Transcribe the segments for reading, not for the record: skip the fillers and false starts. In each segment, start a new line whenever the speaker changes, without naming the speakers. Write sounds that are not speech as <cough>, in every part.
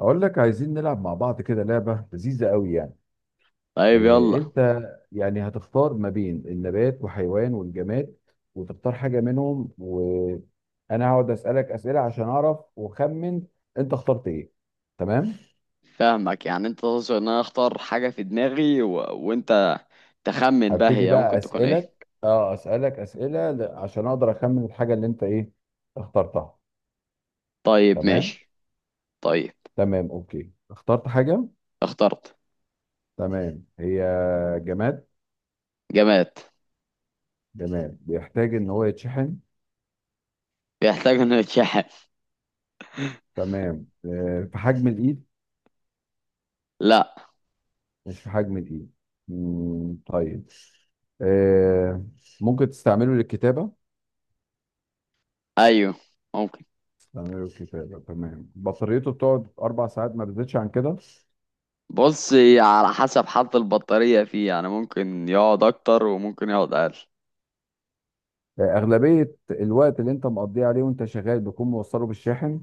اقول لك عايزين نلعب مع بعض كده لعبه لذيذه قوي يعني.
طيب،
إيه
يلا.
انت؟ يعني هتختار ما بين النبات وحيوان والجماد، وتختار حاجه منهم وانا هقعد اسالك اسئله عشان اعرف واخمن انت اخترت ايه. تمام.
فاهمك، يعني انت تقصد ان انا اختار حاجة في دماغي و... وانت تخمن بقى
هبتدي
هي
بقى
ممكن تكون ايه.
اسالك اسئله عشان اقدر اخمن الحاجه اللي انت ايه اخترتها.
طيب
تمام
ماشي. طيب
تمام اوكي. اخترت حاجه.
اخترت
تمام، هي جماد.
جماد.
تمام، بيحتاج ان هو يتشحن.
بيحتاج انه يتشحن؟ <laughs>
تمام. في حجم الايد.
لا.
مش في حجم دي. طيب. آه ممكن تستعمله للكتابة.
ايوه ممكن.
تستعمله للكتابة. تمام، بطاريته بتقعد أربع ساعات ما بتزيدش عن كده.
بص، هي على حسب حالة البطارية فيه، يعني ممكن يقعد اكتر وممكن يقعد اقل.
أغلبية الوقت اللي أنت مقضيه عليه وأنت شغال بيكون موصله بالشاحن.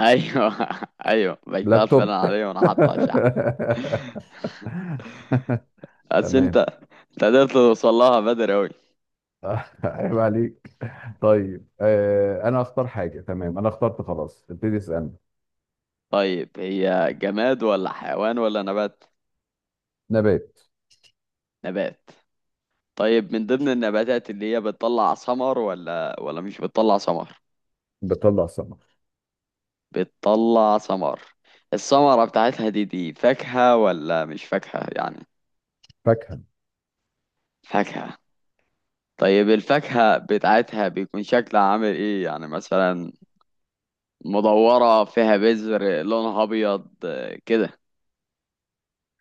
ايوه. <laughs> ايوه، بيشتغل فعلا
لابتوب <laughs>
عليه وانا حاطه على الشحن. بس انت،
تمام.
انت قدرت توصل لها بدري اوي.
عيب عليك. طيب، أنا أختار حاجة. تمام أنا اخترت، خلاص ابتدي اسألني.
طيب هي جماد ولا حيوان ولا نبات؟
نبات.
نبات. طيب من ضمن النباتات اللي هي بتطلع ثمر ولا مش بتطلع ثمر؟
بتطلع ثمر.
بتطلع ثمر. الثمرة بتاعتها دي فاكهة ولا مش فاكهة يعني؟
فاكهة.
فاكهة. طيب الفاكهة بتاعتها بيكون شكلها عامل ايه يعني، مثلا مدورة، فيها بذر، لونها ابيض آه، كده.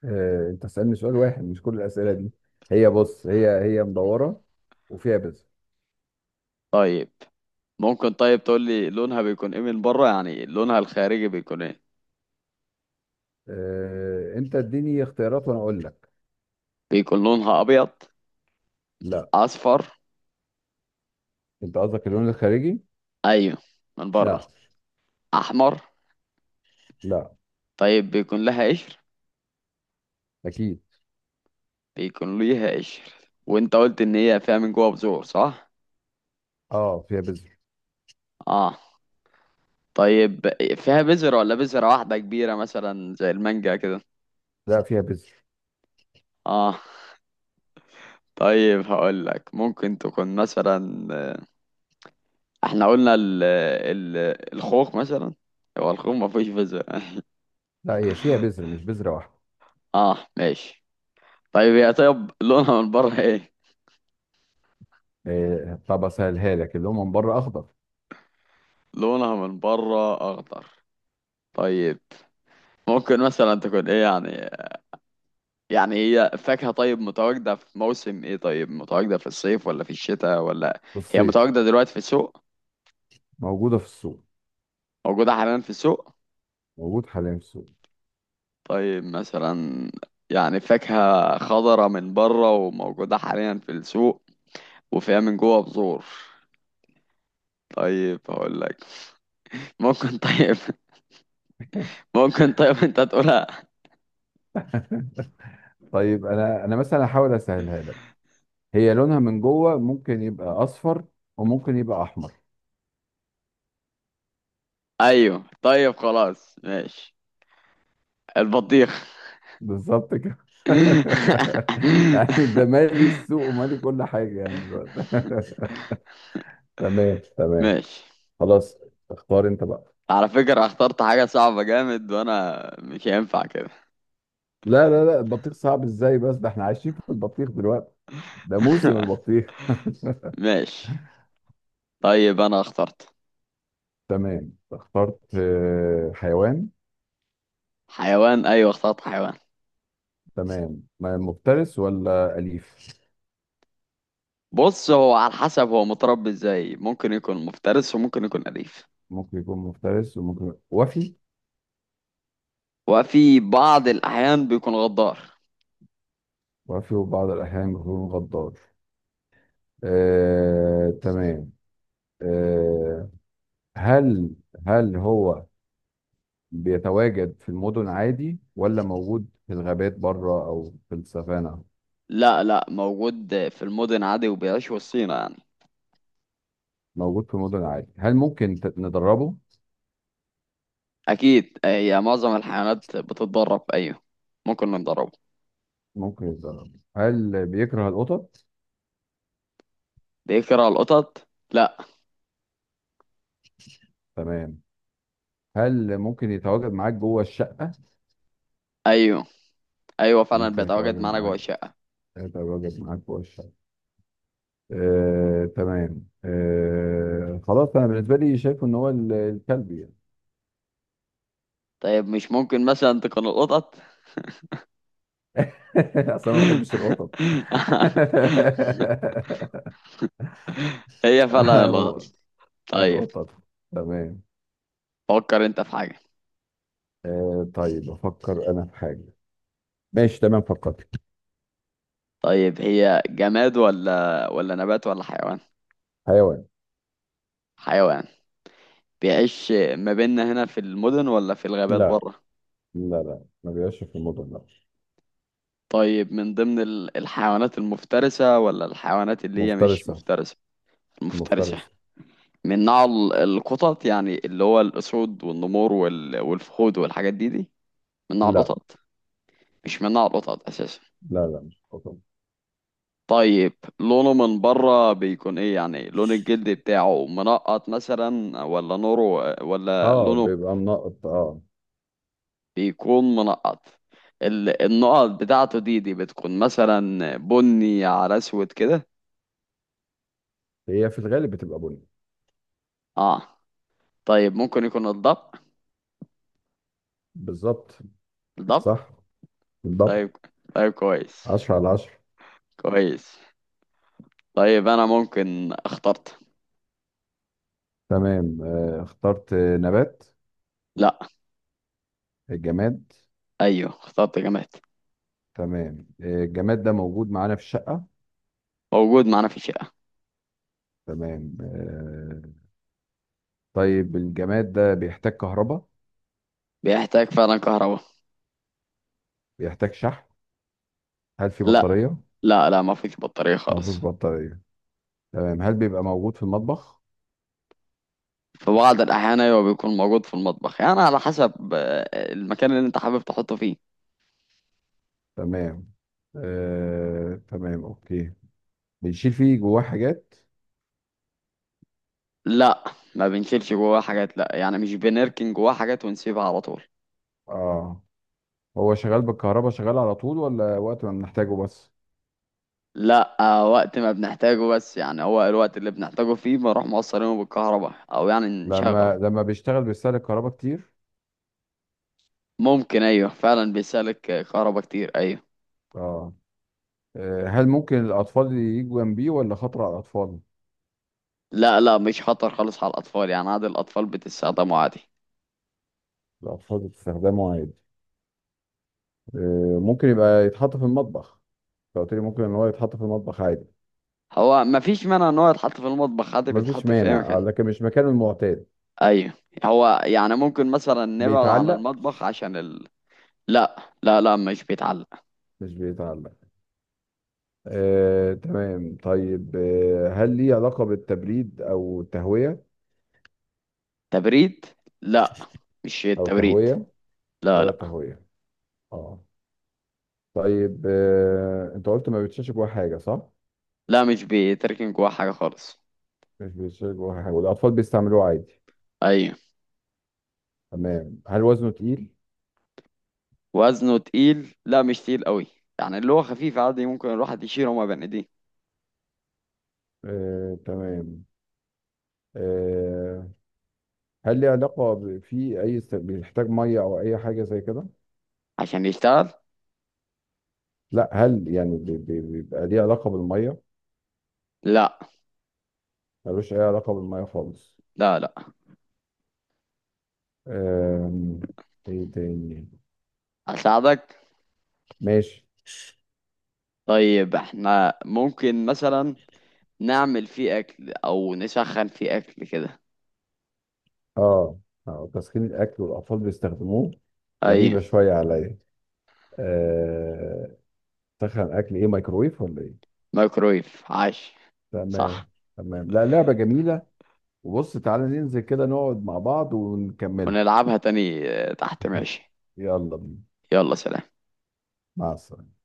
انت تسألني سؤال واحد مش كل الأسئلة دي. هي، بص، هي مدورة وفيها بذر.
طيب ممكن طيب تقول لي لونها بيكون ايه من بره، يعني لونها الخارجي بيكون ايه؟
انت اديني اختيارات وانا اقول لك.
بيكون لونها ابيض؟
لا.
اصفر؟
انت قصدك اللون الخارجي؟
ايوه من
لا.
بره. احمر؟
لا.
طيب بيكون لها قشر؟
اكيد.
بيكون ليها قشر. وانت قلت ان هي فيها من جوه بذور، صح؟
اه، فيها بذر.
اه. طيب فيها بذرة ولا بذرة واحدة كبيرة مثلا زي المانجا كده؟
لا، فيها بذر.
اه طيب هقول لك ممكن تكون مثلا احنا قلنا ال ال الخوخ مثلا هو الخوخ ما فيهوش بذرة
لا، هي فيها بذر مش بذرة واحدة.
اه ماشي. طيب هي طيب لونها من بره ايه؟
طب اسهلها لك، اللي هو من بره اخضر.
لونها من بره اخضر. طيب ممكن مثلا تكون ايه يعني، يعني هي فاكهة، طيب متواجدة في موسم ايه؟ طيب متواجدة في الصيف ولا في الشتاء ولا؟
في
هي
الصيف.
متواجدة دلوقتي في السوق؟
موجودة في السوق.
موجودة حاليا في السوق.
موجود حاليا في السوق.
طيب مثلا، يعني فاكهة خضرة من بره وموجودة حاليا في السوق وفيها من جوه بذور. طيب هقول لك. <laughs> ممكن طيب ممكن طيب انت تقولها.
طيب انا مثلا هحاول اسهلها لك. هي لونها من جوه ممكن يبقى اصفر، وممكن يبقى احمر.
ايوه طيب خلاص ماشي، البطيخ.
بالظبط كده. <laughs> يعني ده
<laughs>
مالي السوق ومالي كل حاجة يعني دلوقتي <laughs> تمام تمام.
ماشي.
خلاص. اختار انت بقى.
على فكرة اخترت حاجة صعبة جامد وانا مش هينفع كده.
لا لا لا، البطيخ صعب ازاي؟ بس ده احنا عايشين في البطيخ دلوقتي. ده موسم
<laughs>
البطيخ <laughs>
ماشي. طيب انا اخترت
تمام اخترت. حيوان.
حيوان. ايوه اخترت حيوان.
تمام. مفترس ولا أليف؟
بص، هو على حسب هو متربي ازاي، ممكن يكون مفترس وممكن يكون اليف.
ممكن يكون مفترس وممكن، وفي
وفي بعض الاحيان بيكون غدار.
وفي وبعض الأحيان يكون غدار. تمام. آه، هل، هو بيتواجد في المدن عادي، ولا موجود في الغابات بره او في السافانا؟
لا لا، موجود في المدن عادي وبيعيش وسطينا يعني.
موجود في المدن عادي. هل ممكن ندربه؟
اكيد، هي معظم الحيوانات بتتدرب، ايوه. ممكن نضربه.
ممكن يتدرب. هل بيكره القطط؟
بيكره القطط؟ لا.
تمام. هل ممكن يتواجد معاك جوه الشقة؟
ايوه. ايوه فعلا
ممكن
بيتواجد
يتواجد
معانا جوه
معاك.
الشقة.
يتواجد معاك جوه الشقة. تمام. خلاص انا بالنسبة لي شايف ان هو الكلب يعني.
طيب مش ممكن مثلا تكون القطط؟
<laughs> اصلا ما بحبش
<laughs>
القطط
هي فعلا
<laughs>
الغلط. طيب
القطط. تمام.
فكر انت في حاجة.
طيب افكر انا في حاجه. ماشي تمام فكرت.
طيب هي جماد ولا نبات ولا حيوان؟
حيوان.
حيوان. بيعيش ما بيننا هنا في المدن ولا في الغابات
لا
بره؟
لا لا، ما بيعيش في المدن لا.
طيب من ضمن الحيوانات المفترسة ولا الحيوانات اللي هي مش
مفترسه.
مفترسة؟ المفترسة.
مفترسه.
من نوع القطط، يعني اللي هو الأسود والنمور والفهود والحاجات دي، من نوع
لا
القطط؟ مش من نوع القطط أساسا؟
لا لا، مش قطن.
طيب لونه من بره بيكون ايه، يعني لون الجلد بتاعه منقط مثلا ولا نوره ولا
اه،
لونه؟
بيبقى منقط اه.
بيكون منقط. النقط بتاعته دي بتكون مثلا بني على اسود كده؟
هي في الغالب بتبقى بني.
اه. طيب ممكن يكون الضبع؟
بالظبط.
الضبع.
صح بالضبط.
طيب، طيب كويس.
10 على 10.
كويس. طيب انا ممكن اخترت.
تمام. اخترت نبات.
لا.
الجماد.
ايوه اخترت جماد.
تمام. الجماد ده موجود معانا في الشقه.
موجود معانا في الشقة.
تمام طيب الجماد ده بيحتاج كهرباء.
بيحتاج فعلا كهرباء.
بيحتاج شحن. هل في
لا
بطاريه؟
لا لا، ما فيش بطارية
ما فيهوش
خالص.
بطارية. تمام. هل بيبقى موجود في المطبخ؟
في بعض الأحيان أيوة بيكون موجود في المطبخ، يعني على حسب آه، المكان اللي أنت حابب تحطه فيه.
تمام. تمام اوكي. بنشيل فيه جواه حاجات؟
لا ما بنشيلش جواه حاجات، لا، يعني مش بنركن جواه حاجات ونسيبها على طول.
اه. هو شغال بالكهرباء شغال على طول، ولا وقت ما بنحتاجه بس؟
لا آه، وقت ما بنحتاجه بس، يعني هو الوقت اللي بنحتاجه فيه بنروح موصلينه بالكهرباء أو يعني نشغله.
لما بيشتغل بيستهلك كهرباء كتير؟
ممكن، أيوة فعلا بيسالك آه، كهرباء كتير، أيوة.
اه. هل ممكن الاطفال يجوا جنبيه، ولا خطر على الاطفال؟
لا لا، مش خطر خالص على الأطفال، يعني عادي الأطفال بتستخدمه عادي.
الاطفال بتستخدمه عادي. ممكن يبقى يتحط في المطبخ. أنت قلت لي ممكن ان هو يتحط في المطبخ عادي.
هو مفيش مانع إن هو يتحط في المطبخ عادي،
مفيش
بيتحط في أي
مانع،
مكان.
لكن مش مكانه المعتاد.
ايوه، هو يعني ممكن مثلا نبعد عن
بيتعلق.
المطبخ عشان ال... لا لا لا مش بيتعلق.
مش بيتعلق. تمام. طيب، هل ليه علاقة بالتبريد أو تهوية؟
تبريد؟ لا، مش
أو
التبريد.
تهوية؟
لا
ولا
لا
تهوية؟ اه. طيب، أنت قلت ما بيتشالش جواه حاجة صح؟
لا مش بيتركن جواه حاجة خالص.
مش بيتشال جواه حاجة والأطفال بيستعملوه عادي.
ايوه.
تمام. هل وزنه تقيل؟
وزنه تقيل؟ لا مش تقيل قوي، يعني اللي هو خفيف عادي ممكن الواحد يشيله وما بين ايديه.
تمام. آه، هل ليه علاقة في أي بيحتاج مية أو أي حاجة زي كده؟
عشان يشتغل.
لا، هل يعني بيبقى ليه علاقة بالمية؟
لا
ملوش أي علاقة بالمية خالص.
لا لا.
آم، إيه تاني؟
اساعدك؟
ماشي.
طيب احنا ممكن مثلا نعمل فيه اكل او نسخن فيه اكل كده.
اه. اه، تسخين الاكل والاطفال بيستخدموه؟
ايوه،
غريبه شويه عليا. آه، تسخن اكل ايه، مايكرويف ولا ايه؟
مايكرويف. عاش.
تمام
صح.
تمام. لا، لعبه جميله. وبص تعالى ننزل كده نقعد مع بعض ونكملها.
ونلعبها تاني آه، تحت، ماشي.
يلا بينا.
يلا، سلام.
مع السلامه.